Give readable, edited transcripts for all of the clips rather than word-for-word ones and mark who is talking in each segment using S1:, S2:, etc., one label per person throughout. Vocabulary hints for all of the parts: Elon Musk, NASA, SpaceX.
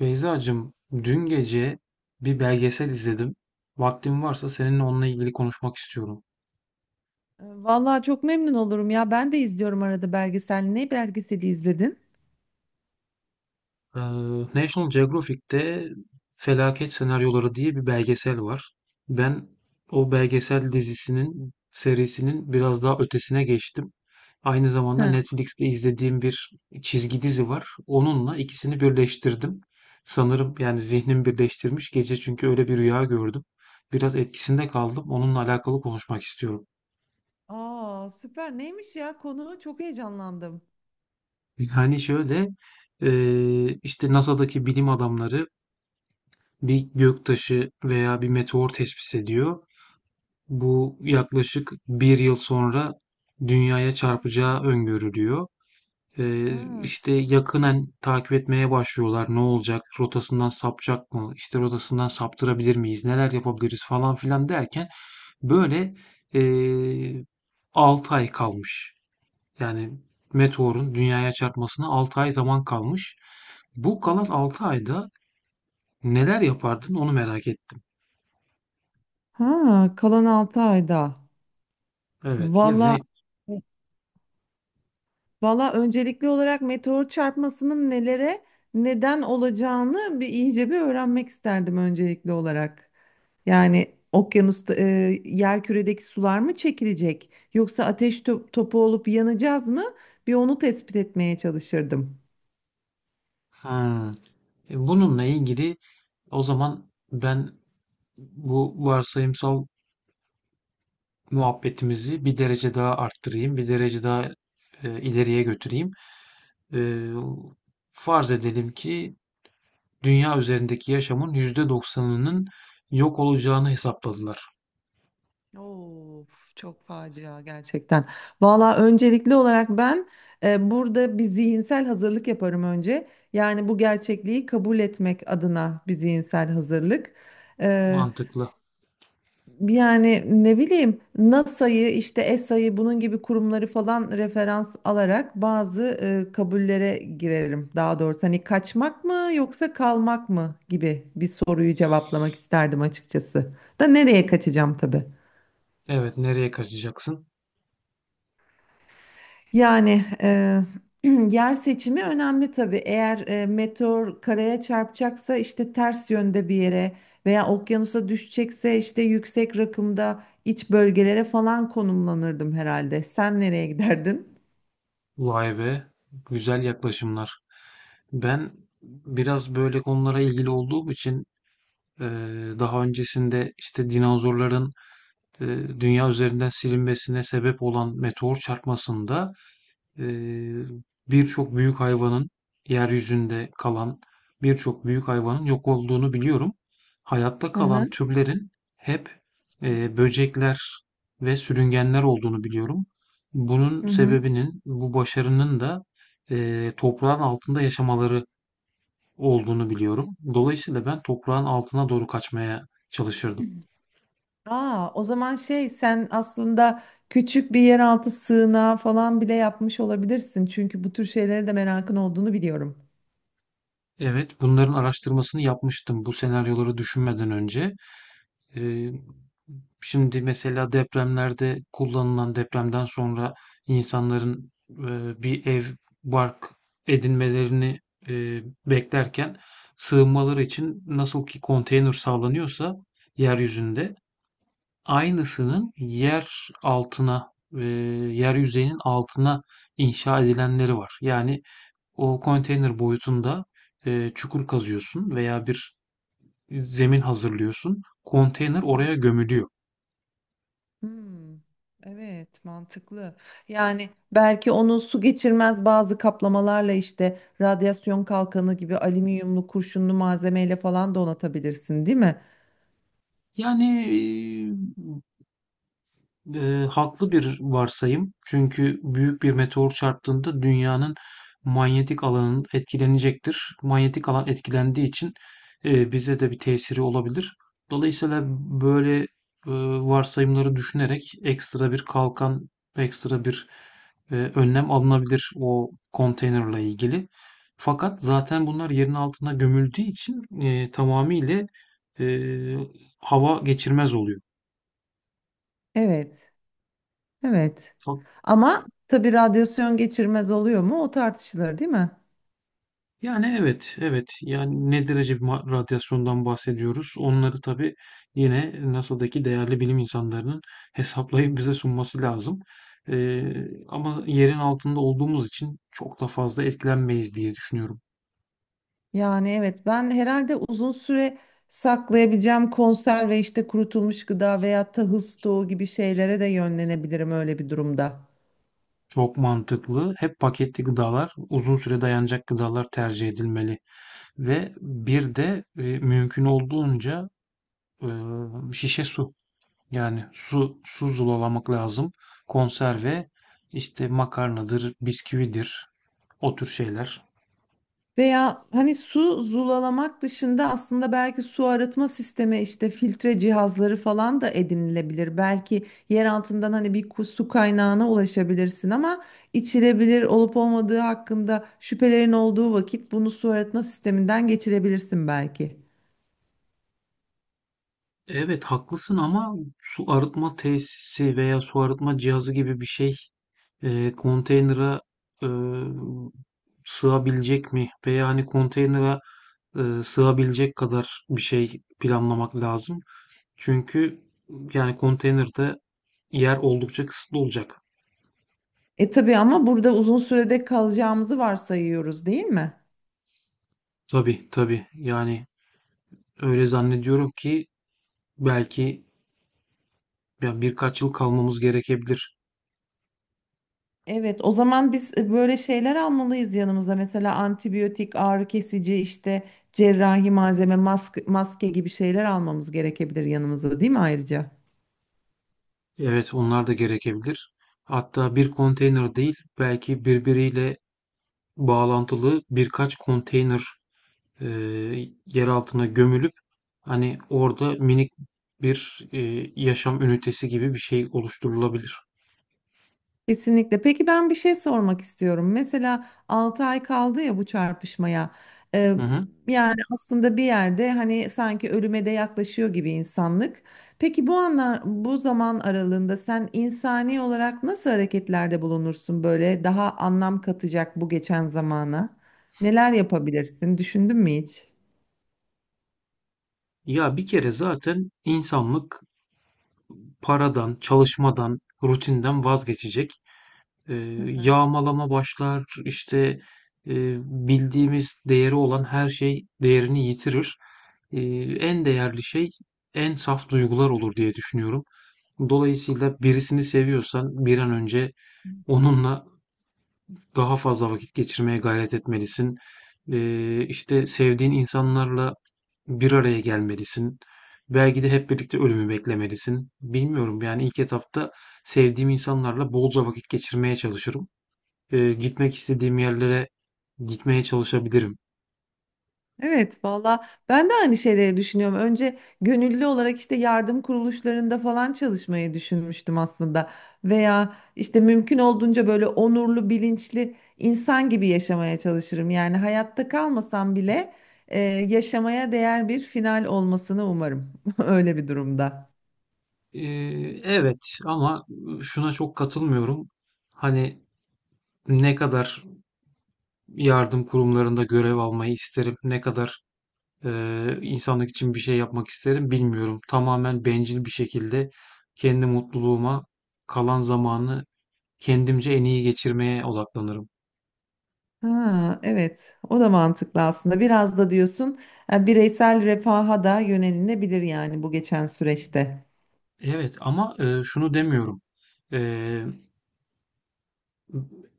S1: Beyzacığım, dün gece bir belgesel izledim. Vaktin varsa seninle onunla ilgili konuşmak istiyorum.
S2: Vallahi çok memnun olurum ya. Ben de izliyorum arada belgesel. Ne belgeseli izledin?
S1: Ee, National Geographic'te Felaket Senaryoları diye bir belgesel var. Ben o belgesel dizisinin, serisinin biraz daha ötesine geçtim. Aynı zamanda
S2: Hı.
S1: Netflix'te izlediğim bir çizgi dizi var. Onunla ikisini birleştirdim. Sanırım yani zihnim birleştirmiş gece çünkü öyle bir rüya gördüm. Biraz etkisinde kaldım. Onunla alakalı konuşmak istiyorum.
S2: Aa süper. Neymiş ya konu? Çok heyecanlandım.
S1: Yani şöyle, işte NASA'daki bilim adamları bir göktaşı veya bir meteor tespit ediyor. Bu yaklaşık bir yıl sonra dünyaya çarpacağı öngörülüyor.
S2: Ha,
S1: İşte yakınen takip etmeye başlıyorlar. Ne olacak? Rotasından sapacak mı? İşte rotasından saptırabilir miyiz? Neler yapabiliriz falan filan derken böyle eee 6 ay kalmış. Yani meteorun dünyaya çarpmasına 6 ay zaman kalmış. Bu
S2: hı
S1: kalan
S2: hı.
S1: 6 ayda neler yapardın onu merak ettim.
S2: Ha, kalan 6 ayda.
S1: Evet
S2: Vallahi
S1: yani
S2: Valla öncelikli olarak meteor çarpmasının nelere neden olacağını iyice bir öğrenmek isterdim öncelikli olarak. Yani okyanusta yerküredeki sular mı çekilecek yoksa ateş topu olup yanacağız mı? Bir onu tespit etmeye çalışırdım.
S1: hmm. Bununla ilgili o zaman ben bu varsayımsal muhabbetimizi bir derece daha arttırayım, bir derece daha ileriye götüreyim. E, Farz edelim ki dünya üzerindeki yaşamın yüzde doksanının yok olacağını hesapladılar.
S2: Of, çok facia gerçekten. Valla öncelikli olarak ben burada bir zihinsel hazırlık yaparım önce. Yani bu gerçekliği kabul etmek adına bir zihinsel hazırlık. E,
S1: Mantıklı.
S2: Yani ne bileyim NASA'yı işte ESA'yı bunun gibi kurumları falan referans alarak bazı kabullere girerim. Daha doğrusu hani kaçmak mı yoksa kalmak mı gibi bir soruyu cevaplamak isterdim açıkçası. Da nereye kaçacağım tabii.
S1: Evet, nereye kaçacaksın?
S2: Yani yer seçimi önemli tabii. Eğer meteor karaya çarpacaksa işte ters yönde bir yere veya okyanusa düşecekse işte yüksek rakımda iç bölgelere falan konumlanırdım herhalde. Sen nereye giderdin?
S1: Vay be, güzel yaklaşımlar. Ben biraz böyle konulara ilgili olduğum için daha öncesinde işte dinozorların e, dünya üzerinden silinmesine sebep olan meteor çarpmasında e, birçok büyük hayvanın yeryüzünde kalan birçok büyük hayvanın yok olduğunu biliyorum. Hayatta
S2: Hı hı.
S1: kalan türlerin hep böcekler ve sürüngenler olduğunu biliyorum. Bunun
S2: Hı hı.
S1: sebebinin, bu başarının da toprağın altında yaşamaları olduğunu biliyorum. Dolayısıyla ben toprağın altına doğru kaçmaya çalışırdım.
S2: Aa, o zaman şey sen aslında küçük bir yeraltı sığınağı falan bile yapmış olabilirsin. Çünkü bu tür şeylere de merakın olduğunu biliyorum.
S1: Evet, bunların araştırmasını yapmıştım bu senaryoları düşünmeden önce. Ee, Şimdi mesela depremlerde kullanılan depremden sonra insanların bir ev, bark edinmelerini beklerken sığınmaları için nasıl ki konteyner sağlanıyorsa yeryüzünde aynısının yer altına, yer yüzeyinin altına inşa edilenleri var. Yani o konteyner boyutunda çukur kazıyorsun veya bir zemin hazırlıyorsun. Konteyner oraya gömülüyor.
S2: Hmm, evet mantıklı. Yani belki onu su geçirmez bazı kaplamalarla işte radyasyon kalkanı gibi alüminyumlu kurşunlu malzemeyle falan donatabilirsin, değil mi?
S1: Yani e, haklı bir varsayım. Çünkü büyük bir meteor çarptığında dünyanın manyetik alanı etkilenecektir. Manyetik alan etkilendiği için bize de bir tesiri olabilir. Dolayısıyla böyle eee, varsayımları düşünerek ekstra bir kalkan, ekstra bir önlem alınabilir o konteynerle ilgili. Fakat zaten bunlar yerin altına gömüldüğü için tamamıyla eee, hava geçirmez oluyor.
S2: Evet. Evet. Ama tabii radyasyon geçirmez oluyor mu? O tartışılır, değil mi?
S1: Yani evet, evet. Yani ne derece bir radyasyondan bahsediyoruz? Onları tabii yine NASA'daki değerli bilim insanlarının hesaplayıp bize sunması lazım. Ama yerin altında olduğumuz için çok da fazla etkilenmeyiz diye düşünüyorum.
S2: Yani evet ben herhalde uzun süre saklayabileceğim konserve işte kurutulmuş gıda veya tahıl stoğu gibi şeylere de yönlenebilirim öyle bir durumda.
S1: Çok mantıklı. Hep paketli gıdalar, uzun süre dayanacak gıdalar tercih edilmeli. Ve bir de mümkün olduğunca e, şişe su. Yani su zulalamak lazım. Konserve işte makarnadır, bisküvidir. O tür şeyler.
S2: Veya hani su zulalamak dışında aslında belki su arıtma sistemi işte filtre cihazları falan da edinilebilir. Belki yer altından hani bir su kaynağına ulaşabilirsin ama içilebilir olup olmadığı hakkında şüphelerin olduğu vakit bunu su arıtma sisteminden geçirebilirsin belki.
S1: Evet haklısın ama su arıtma tesisi veya su arıtma cihazı gibi bir şey konteynere e, sığabilecek mi? Veya hani konteynere sığabilecek kadar bir şey planlamak lazım. Çünkü yani konteynerde yer oldukça kısıtlı olacak.
S2: E tabii ama burada uzun sürede kalacağımızı varsayıyoruz değil mi?
S1: Tabii tabii yani öyle zannediyorum ki belki ya birkaç yıl kalmamız gerekebilir.
S2: Evet, o zaman biz böyle şeyler almalıyız yanımıza. Mesela antibiyotik, ağrı kesici, işte cerrahi malzeme, maske, maske gibi şeyler almamız gerekebilir yanımıza, değil mi ayrıca?
S1: Evet, onlar da gerekebilir. Hatta bir konteyner değil, belki birbiriyle bağlantılı birkaç konteyner e, yer altına gömülüp hani orada minik bir yaşam ünitesi gibi bir şey oluşturulabilir.
S2: Kesinlikle. Peki ben bir şey sormak istiyorum. Mesela 6 ay kaldı ya bu çarpışmaya. Ee,
S1: Hı hı.
S2: yani aslında bir yerde hani sanki ölüme de yaklaşıyor gibi insanlık. Peki bu anlar, bu zaman aralığında sen insani olarak nasıl hareketlerde bulunursun böyle daha anlam katacak bu geçen zamana? Neler yapabilirsin? Düşündün mü hiç?
S1: Ya bir kere zaten insanlık paradan, çalışmadan, rutinden vazgeçecek. Eee, Yağmalama başlar, işte, bildiğimiz değeri olan her şey değerini yitirir. En değerli şey en saf duygular olur diye düşünüyorum. Dolayısıyla birisini seviyorsan bir an önce onunla daha fazla vakit geçirmeye gayret etmelisin. İşte, sevdiğin insanlarla bir araya gelmelisin. Belki de hep birlikte ölümü beklemelisin. Bilmiyorum, yani, ilk etapta sevdiğim insanlarla bolca vakit geçirmeye çalışırım, gitmek istediğim yerlere gitmeye çalışabilirim.
S2: Evet valla ben de aynı şeyleri düşünüyorum. Önce gönüllü olarak işte yardım kuruluşlarında falan çalışmayı düşünmüştüm aslında. Veya işte mümkün olduğunca böyle onurlu, bilinçli insan gibi yaşamaya çalışırım. Yani hayatta kalmasam bile yaşamaya değer bir final olmasını umarım. Öyle bir durumda.
S1: E, evet ama şuna çok katılmıyorum. Hani ne kadar yardım kurumlarında görev almayı isterim, ne kadar e, insanlık için bir şey yapmak isterim bilmiyorum. Tamamen bencil bir şekilde kendi mutluluğuma kalan zamanı kendimce en iyi geçirmeye odaklanırım.
S2: Ha, evet o da mantıklı aslında. Biraz da diyorsun bireysel refaha da yönelinebilir yani bu geçen süreçte.
S1: Evet ama şunu demiyorum. E,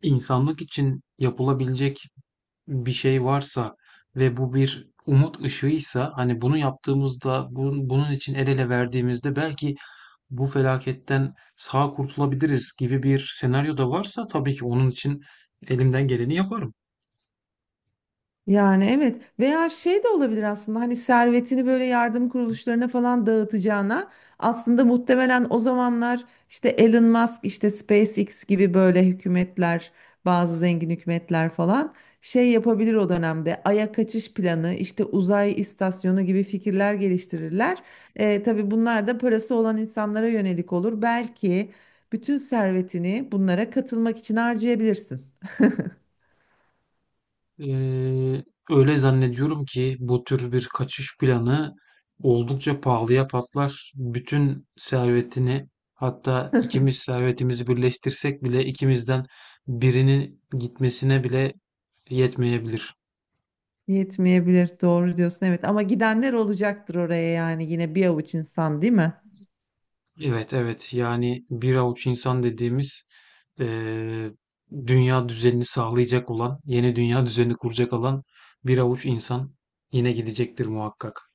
S1: insanlık için yapılabilecek bir şey varsa ve bu bir umut ışığıysa hani bunu yaptığımızda bunun için el ele verdiğimizde belki bu felaketten sağ kurtulabiliriz gibi bir senaryo da varsa tabii ki onun için elimden geleni yaparım.
S2: Yani evet veya şey de olabilir aslında hani servetini böyle yardım kuruluşlarına falan dağıtacağına aslında muhtemelen o zamanlar işte Elon Musk işte SpaceX gibi böyle hükümetler bazı zengin hükümetler falan şey yapabilir o dönemde Ay'a kaçış planı işte uzay istasyonu gibi fikirler geliştirirler. Tabii bunlar da parası olan insanlara yönelik olur belki bütün servetini bunlara katılmak için harcayabilirsin.
S1: Ee, Öyle zannediyorum ki bu tür bir kaçış planı oldukça pahalıya patlar. Bütün servetini hatta ikimiz servetimizi birleştirsek bile ikimizden birinin gitmesine bile yetmeyebilir.
S2: Yetmeyebilir. Doğru diyorsun. Evet ama gidenler olacaktır oraya yani yine bir avuç insan değil mi?
S1: Evet evet yani bir avuç insan dediğimiz eee, dünya düzenini sağlayacak olan, yeni dünya düzenini kuracak olan bir avuç insan yine gidecektir muhakkak.